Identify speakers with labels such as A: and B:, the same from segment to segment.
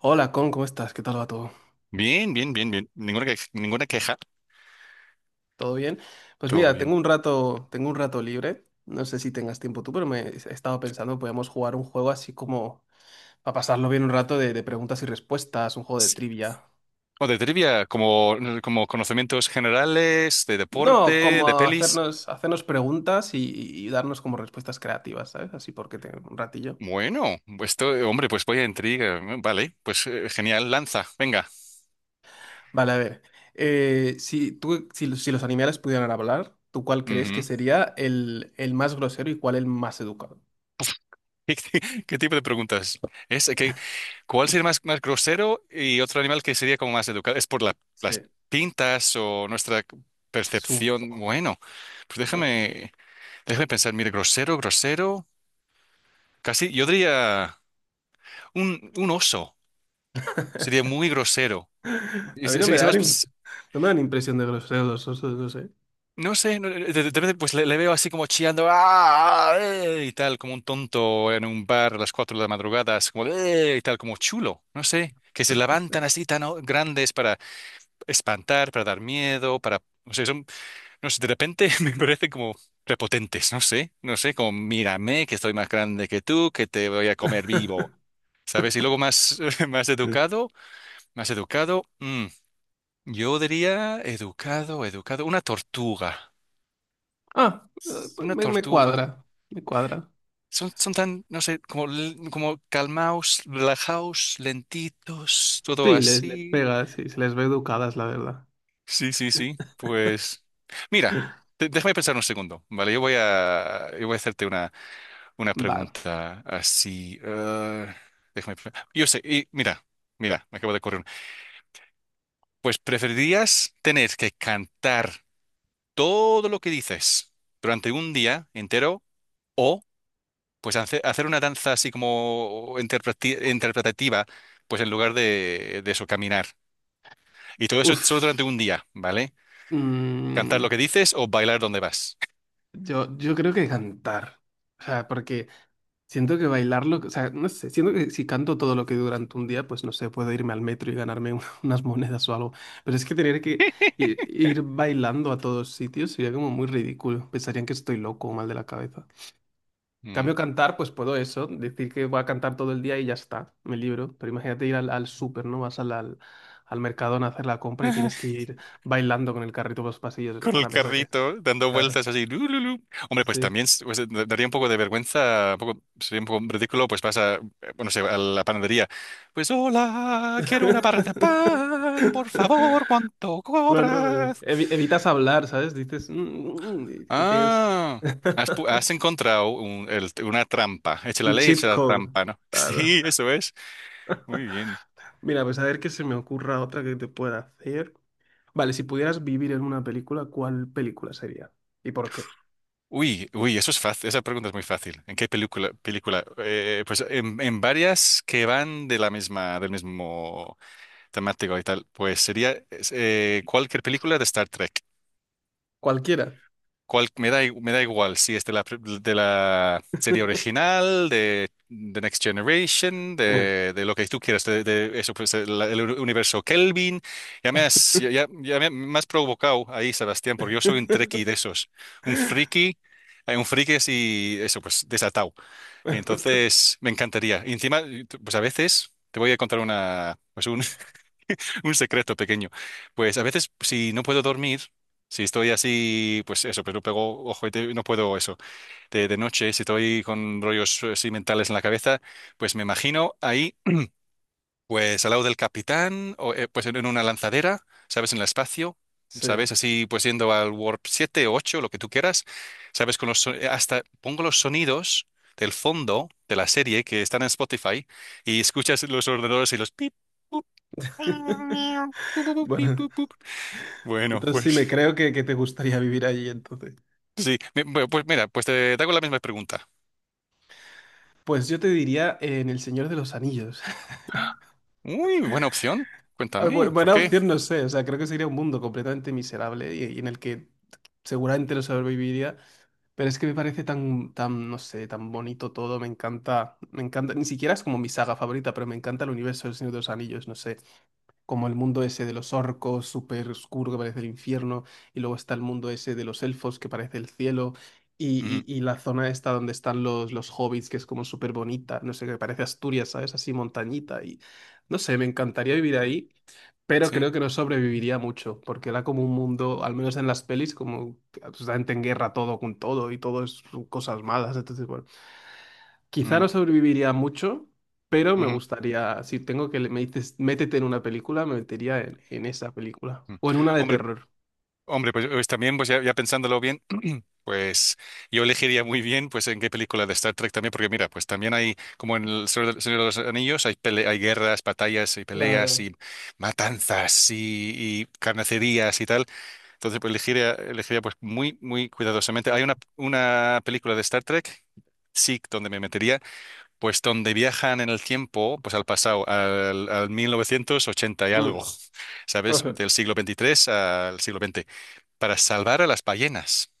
A: Hola, Con, ¿cómo estás? ¿Qué tal va todo?
B: Bien, bien, bien, bien. Ninguna, ninguna queja.
A: ¿Todo bien? Pues
B: Todo
A: mira,
B: bien.
A: tengo un rato libre. No sé si tengas tiempo tú, pero me he estado pensando, podemos jugar un juego así como para pasarlo bien un rato de preguntas y respuestas, un juego de
B: Sí.
A: trivia.
B: O de trivia, como conocimientos generales, de
A: No,
B: deporte,
A: como
B: de pelis.
A: hacernos, hacernos preguntas y darnos como respuestas creativas, ¿sabes? Así porque tengo un ratillo.
B: Bueno, pues esto, hombre, pues voy a intriga, ¿no? Vale, pues genial, lanza, venga.
A: Vale, a ver. Si los animales pudieran hablar, ¿tú cuál crees que
B: Ujú.
A: sería el más grosero y cuál el más educado?
B: ¿Qué tipo de preguntas? Es que, ¿cuál sería más grosero y otro animal que sería como más educado? ¿Es por las
A: Sí.
B: pintas o nuestra
A: Su.
B: percepción? Bueno, pues
A: Sí.
B: déjame pensar. Mire, grosero, grosero. Casi, yo diría. Un oso. Sería muy grosero.
A: A mí no me
B: Y sabes,
A: dan,
B: pues,
A: no me dan impresión de groseros, o sea, no sé.
B: no sé, de repente pues le veo así como chillando "Ah, y tal, como un tonto en un bar a las 4 de la madrugada, así como y tal, como chulo, no sé, que se levantan así tan grandes para espantar, para dar miedo, para, no sé, son, no sé, de repente me parecen como prepotentes, no sé, no sé, como mírame, que estoy más grande que tú, que te voy a comer vivo, ¿sabes? Y luego más, más educado, más educado. Mm. Yo diría educado, educado, una tortuga,
A: Ah, pues
B: una
A: me
B: tortuga.
A: cuadra, me cuadra.
B: Son tan, no sé, como, como calmaos, relajaos, lentitos, todo
A: Sí, les
B: así.
A: pega, sí, se les ve educadas, la verdad.
B: Sí, sí, sí. Pues, mira, déjame pensar un segundo, ¿vale? Yo voy a hacerte una,
A: Va,
B: pregunta así. Yo sé, y mira, me acabo de correr. Pues, ¿preferirías tener que cantar todo lo que dices durante un día entero o pues hacer una danza así como interpretativa, pues en lugar de eso, caminar? Y todo eso solo durante
A: uff.
B: un día, ¿vale? Cantar lo que dices o bailar donde vas.
A: Yo creo que cantar. O sea, porque siento que bailarlo, o sea, no sé, siento que si canto todo lo que durante un día, pues no sé, puedo irme al metro y ganarme unas monedas o algo. Pero es que tener que ir, bailando a todos sitios sería como muy ridículo. Pensarían que estoy loco o mal de la cabeza.
B: Mm.
A: Cambio cantar, pues puedo eso, decir que voy a cantar todo el día y ya está, me libro. Pero imagínate ir al súper, ¿no? Vas al Mercadona a hacer la compra y tienes que ir bailando con el carrito por los pasillos.
B: Con
A: Van
B: el
A: a pensar que...
B: carrito, dando
A: Claro,
B: vueltas así. Lu, lu, lu. Hombre, pues
A: sí.
B: también pues, daría un poco de vergüenza, un poco, sería un poco ridículo, pues vas a, bueno, no sé, a la panadería. Pues hola, quiero una barra de pan, por favor, ¿cuánto
A: Bueno, pero
B: cobras?
A: evitas hablar, ¿sabes? Dices "Mm, mm, mm", y que tienes
B: Ah, has, has encontrado una trampa. Echa la
A: un
B: ley, echa
A: cheat
B: la
A: code.
B: trampa, ¿no?
A: Claro.
B: Sí, eso es. Muy bien.
A: Mira, pues a ver qué se me ocurra otra que te pueda hacer. Vale, si pudieras vivir en una película, ¿cuál película sería? ¿Y por qué?
B: Uy, uy, eso es fácil. Esa pregunta es muy fácil. ¿En qué película? Película. Pues en varias que van de la misma, del mismo temático y tal. Pues sería es, cualquier película de Star Trek.
A: Cualquiera.
B: Me da me da igual si es de la serie original, de The Next Generation, de lo que tú quieras, de eso, pues, el universo Kelvin. Ya me has provocado ahí, Sebastián, porque yo soy un trekkie de esos. Un friki, un friki así, eso, pues desatado. Entonces, me encantaría. Y encima, pues a veces te voy a contar una, pues un, un secreto pequeño. Pues a veces, si no puedo dormir, si estoy así, pues eso, pero pego ojo y no puedo eso. De noche, si estoy con rollos así mentales en la cabeza, pues me imagino ahí, pues al lado del capitán, o pues en una lanzadera, ¿sabes? En el espacio.
A: Sí.
B: ¿Sabes? Así, pues yendo al Warp 7 o 8, lo que tú quieras, ¿sabes? Con los, hasta pongo los sonidos del fondo de la serie que están en Spotify y escuchas los ordenadores y los pip.
A: Bueno,
B: Bueno,
A: entonces sí
B: pues
A: me creo que te gustaría vivir allí entonces.
B: sí, pues mira, pues te hago la misma pregunta.
A: Pues yo te diría en El Señor de los Anillos.
B: Uy, buena opción.
A: Ah,
B: Cuéntame, ¿por
A: buena
B: qué?
A: opción, no sé. O sea, creo que sería un mundo completamente miserable y en el que seguramente no sobreviviría. Pero es que me parece tan, tan, no sé, tan bonito todo. Me encanta, me encanta. Ni siquiera es como mi saga favorita, pero me encanta el universo del Señor de los Anillos. No sé. Como el mundo ese de los orcos, súper oscuro que parece el infierno, y luego está el mundo ese de los elfos que parece el cielo, y,
B: Ujú,
A: y la zona esta donde están los hobbits, que es como súper bonita, no sé, que parece Asturias, ¿sabes? Así montañita, y no sé, me encantaría vivir
B: ujú,
A: ahí, pero
B: sí.
A: creo que no sobreviviría mucho, porque era como un mundo, al menos en las pelis, como absolutamente en guerra todo con todo, y todo es cosas malas, entonces, bueno. Quizá
B: Ujú,
A: no sobreviviría mucho, pero me
B: ujú,
A: gustaría, si tengo que le me dices, métete en una película, me metería en esa película.
B: ujú.
A: O en una de
B: Hombre,
A: terror.
B: hombre, pues, también, pues ya pensándolo bien, pues yo elegiría muy bien, pues en qué película de Star Trek también, porque mira, pues también hay, como en el Señor de los Anillos, hay guerras, batallas y peleas
A: Claro.
B: y matanzas y carnicerías y tal. Entonces, pues elegiría pues muy, muy cuidadosamente. Hay una, película de Star Trek, SIC, donde me metería, pues donde viajan en el tiempo, pues al pasado, al 1980 y algo,
A: Mm.
B: ¿sabes? Del siglo XXIII al siglo XX, para salvar a las ballenas.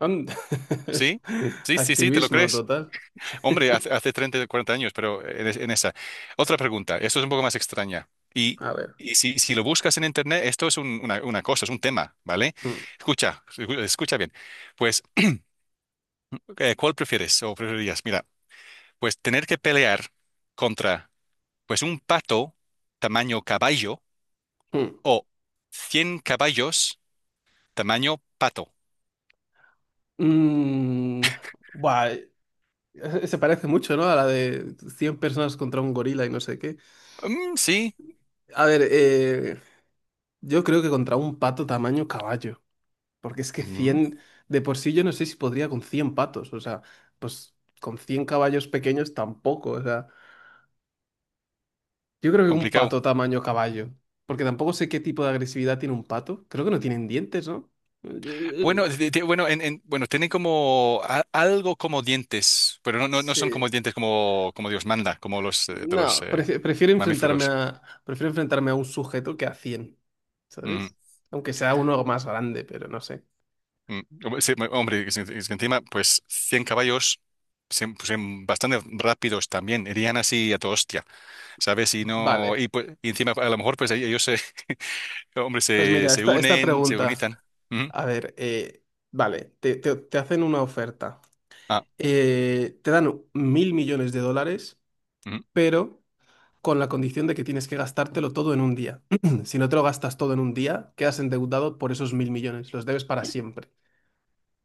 A: And- es
B: ¿Sí? Sí, sí, sí, ¿te lo
A: Activismo
B: crees?
A: total.
B: Hombre, hace 30, 40 años, pero en, en esa. Otra pregunta, esto es un poco más extraña. Y,
A: A ver.
B: y si lo buscas en Internet, esto es una cosa, es un tema, ¿vale?
A: Mm,
B: Escucha, escucha bien. Pues, ¿cuál prefieres o preferirías? Mira, pues tener que pelear contra pues un pato tamaño caballo
A: mm.
B: o 100 caballos tamaño pato.
A: Mm, buah, se parece mucho, ¿no? A la de 100 personas contra un gorila y no sé qué.
B: Mm, sí,
A: A ver, yo creo que contra un pato tamaño caballo. Porque es que
B: mm,
A: 100 de por sí yo no sé si podría con 100 patos, o sea, pues con 100 caballos pequeños tampoco, o sea, yo creo que un
B: complicado.
A: pato tamaño caballo, porque tampoco sé qué tipo de agresividad tiene un pato, creo que no tienen dientes, ¿no? Eh,
B: Bueno, bueno, bueno, tienen como algo como dientes, pero no, no, no son como
A: Sí,
B: dientes como Dios manda, como los de los
A: no,
B: mamíferos.
A: prefiero enfrentarme a un sujeto que a cien,
B: Mm,
A: ¿sabes? Aunque sea uno más grande, pero no sé.
B: mm. Sí, hombre, es que encima, pues 100 caballos, pues, bastante rápidos también, irían así a toda hostia, ¿sabes? Y no,
A: Vale,
B: y, pues, y encima a lo mejor pues ahí ellos, se, hombre,
A: pues mira,
B: se
A: esta
B: unen, se
A: pregunta,
B: organizan. Ujú.
A: a ver, vale, te hacen una oferta.
B: Ah,
A: Te dan mil millones de dólares,
B: ujú.
A: pero con la condición de que tienes que gastártelo todo en un día. Si no te lo gastas todo en un día, quedas endeudado por esos mil millones, los debes para siempre.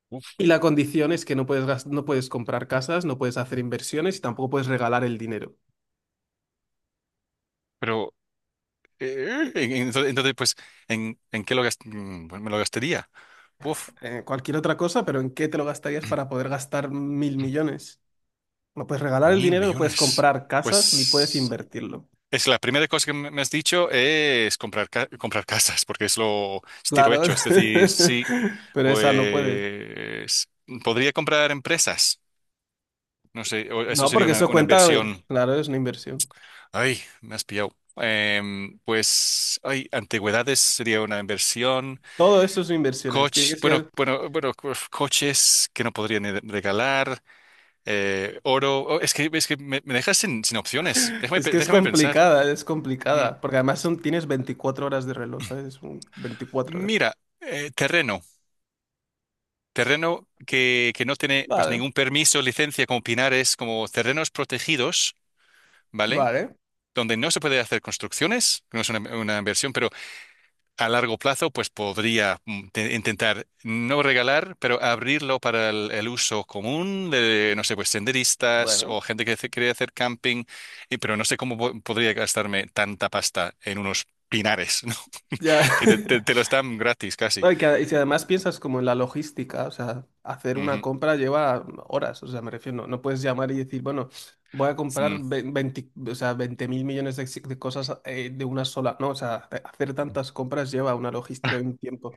B: Uf,
A: Y la condición es que no puedes, no puedes comprar casas, no puedes hacer inversiones y tampoco puedes regalar el dinero.
B: pero entonces, pues, ¿en, qué bueno, me lo gastaría? Uf.
A: Cualquier otra cosa, pero ¿en qué te lo gastarías para poder gastar mil millones? No puedes regalar el
B: Mil
A: dinero, no puedes
B: millones.
A: comprar casas, ni puedes
B: Pues
A: invertirlo.
B: es la primera cosa que me has dicho es comprar, comprar casas, porque es lo es tiro
A: Claro,
B: hecho. Es decir, sí,
A: pero esa no puedes.
B: pues podría comprar empresas. No sé, o eso
A: No,
B: sería
A: porque
B: una,
A: eso cuenta,
B: inversión.
A: claro, es una inversión.
B: Ay, me has pillado. Pues, ay, antigüedades sería una inversión.
A: Todo eso son inversiones. Tiene
B: Coches,
A: que
B: bueno,
A: ser,
B: bueno, bueno, coches que no podría ni regalar. Oro. Oh, es que me dejas sin opciones. Déjame,
A: es que es
B: déjame pensar.
A: complicada, es
B: Mm,
A: complicada. Porque además son, tienes 24 horas de reloj, ¿sabes? Un 24 horas.
B: Mira, terreno, terreno que no tiene pues
A: Vale,
B: ningún permiso, licencia como pinares, como terrenos protegidos, ¿vale?
A: vale.
B: Donde no se puede hacer construcciones, no es una, inversión, pero a largo plazo pues podría intentar no regalar, pero abrirlo para el uso común de, no sé, pues senderistas o
A: Bueno,
B: gente que quiere hacer camping, y, pero no sé cómo podría gastarme tanta pasta en unos pinares, ¿no?
A: ya.
B: Que te lo están gratis casi.
A: No, y, que, y si además piensas como en la logística, o sea, hacer una
B: Ujú.
A: compra lleva horas, o sea, me refiero, no puedes llamar y decir, bueno, voy a comprar
B: Mm.
A: 20, o sea, 20 mil millones de, de cosas de una sola, ¿no? O sea, hacer tantas compras lleva una logística y un tiempo.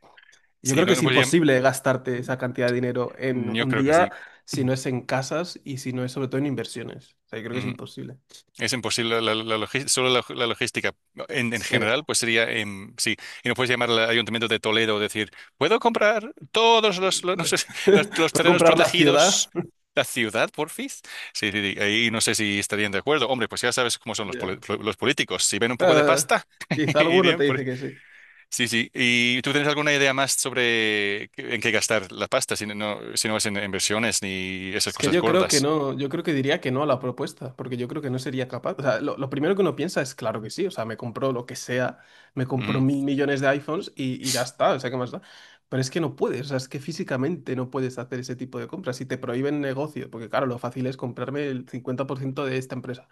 A: Yo
B: Sí,
A: creo que
B: no,
A: es
B: pues ya,
A: imposible gastarte esa cantidad de dinero en
B: yo
A: un
B: creo que
A: día
B: sí.
A: si no es en casas y si no es sobre todo en inversiones. O sea, yo creo que es
B: Ujú.
A: imposible.
B: Es imposible, solo la logística, ¿no? En
A: Sí.
B: general, pues sería, sí, y no puedes llamar al Ayuntamiento de Toledo y decir, ¿puedo comprar todos los, no sé, los
A: Puedo
B: terrenos
A: comprar la ciudad.
B: protegidos? La ciudad, porfis. Sí, sí, sí, ahí no sé si estarían de acuerdo. Hombre, pues ya sabes cómo son
A: Ya.
B: los políticos. Si ven un poco de
A: Eh,
B: pasta,
A: Quizá alguno
B: irían
A: te
B: por.
A: dice que sí.
B: Sí, sí. ¿Y tú tienes alguna idea más sobre en qué gastar la pasta, si no, es en inversiones ni esas
A: Es que
B: cosas
A: yo creo que
B: gordas?
A: no, yo creo que diría que no a la propuesta, porque yo creo que no sería capaz. O sea, lo primero que uno piensa es, claro que sí, o sea, me compró lo que sea, me compró
B: Ujú,
A: mil millones de iPhones y ya está, o sea, ¿qué más da? Pero es que no puedes, o sea, es que físicamente no puedes hacer ese tipo de compras. Si te prohíben negocio, porque claro, lo fácil es comprarme el 50% de esta empresa,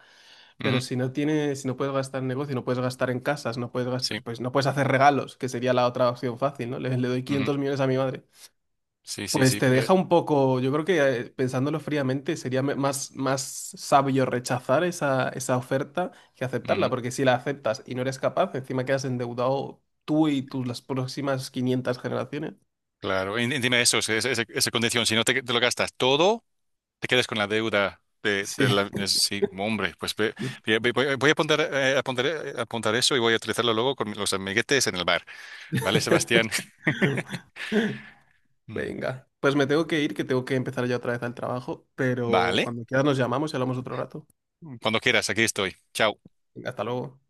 B: ujú,
A: pero si no puedes gastar en negocio, no puedes gastar en casas, no puedes
B: sí,
A: gastar, pues no puedes hacer regalos, que sería la otra opción fácil, ¿no? Le doy
B: ujú,
A: 500 millones a mi madre.
B: sí, sí,
A: Pues
B: sí.
A: te deja un poco, yo creo que pensándolo fríamente sería más, más sabio rechazar esa oferta que aceptarla,
B: Ujú,
A: porque si la aceptas y no eres capaz, encima quedas endeudado tú y tus las próximas 500 generaciones.
B: claro. Y dime eso, esa, condición. Si no te lo gastas todo, te quedas con la deuda de
A: Sí.
B: la... es- Sí, hombre, pues voy a apuntar, apuntar, apuntar eso y voy a utilizarlo luego con los amiguetes en el bar. ¿Vale, Sebastián? Mm.
A: Venga, pues me tengo que ir, que tengo que empezar ya otra vez al trabajo, pero
B: Vale.
A: cuando quieras nos llamamos y hablamos otro rato.
B: Cuando quieras, aquí estoy. Chao.
A: Venga, hasta luego.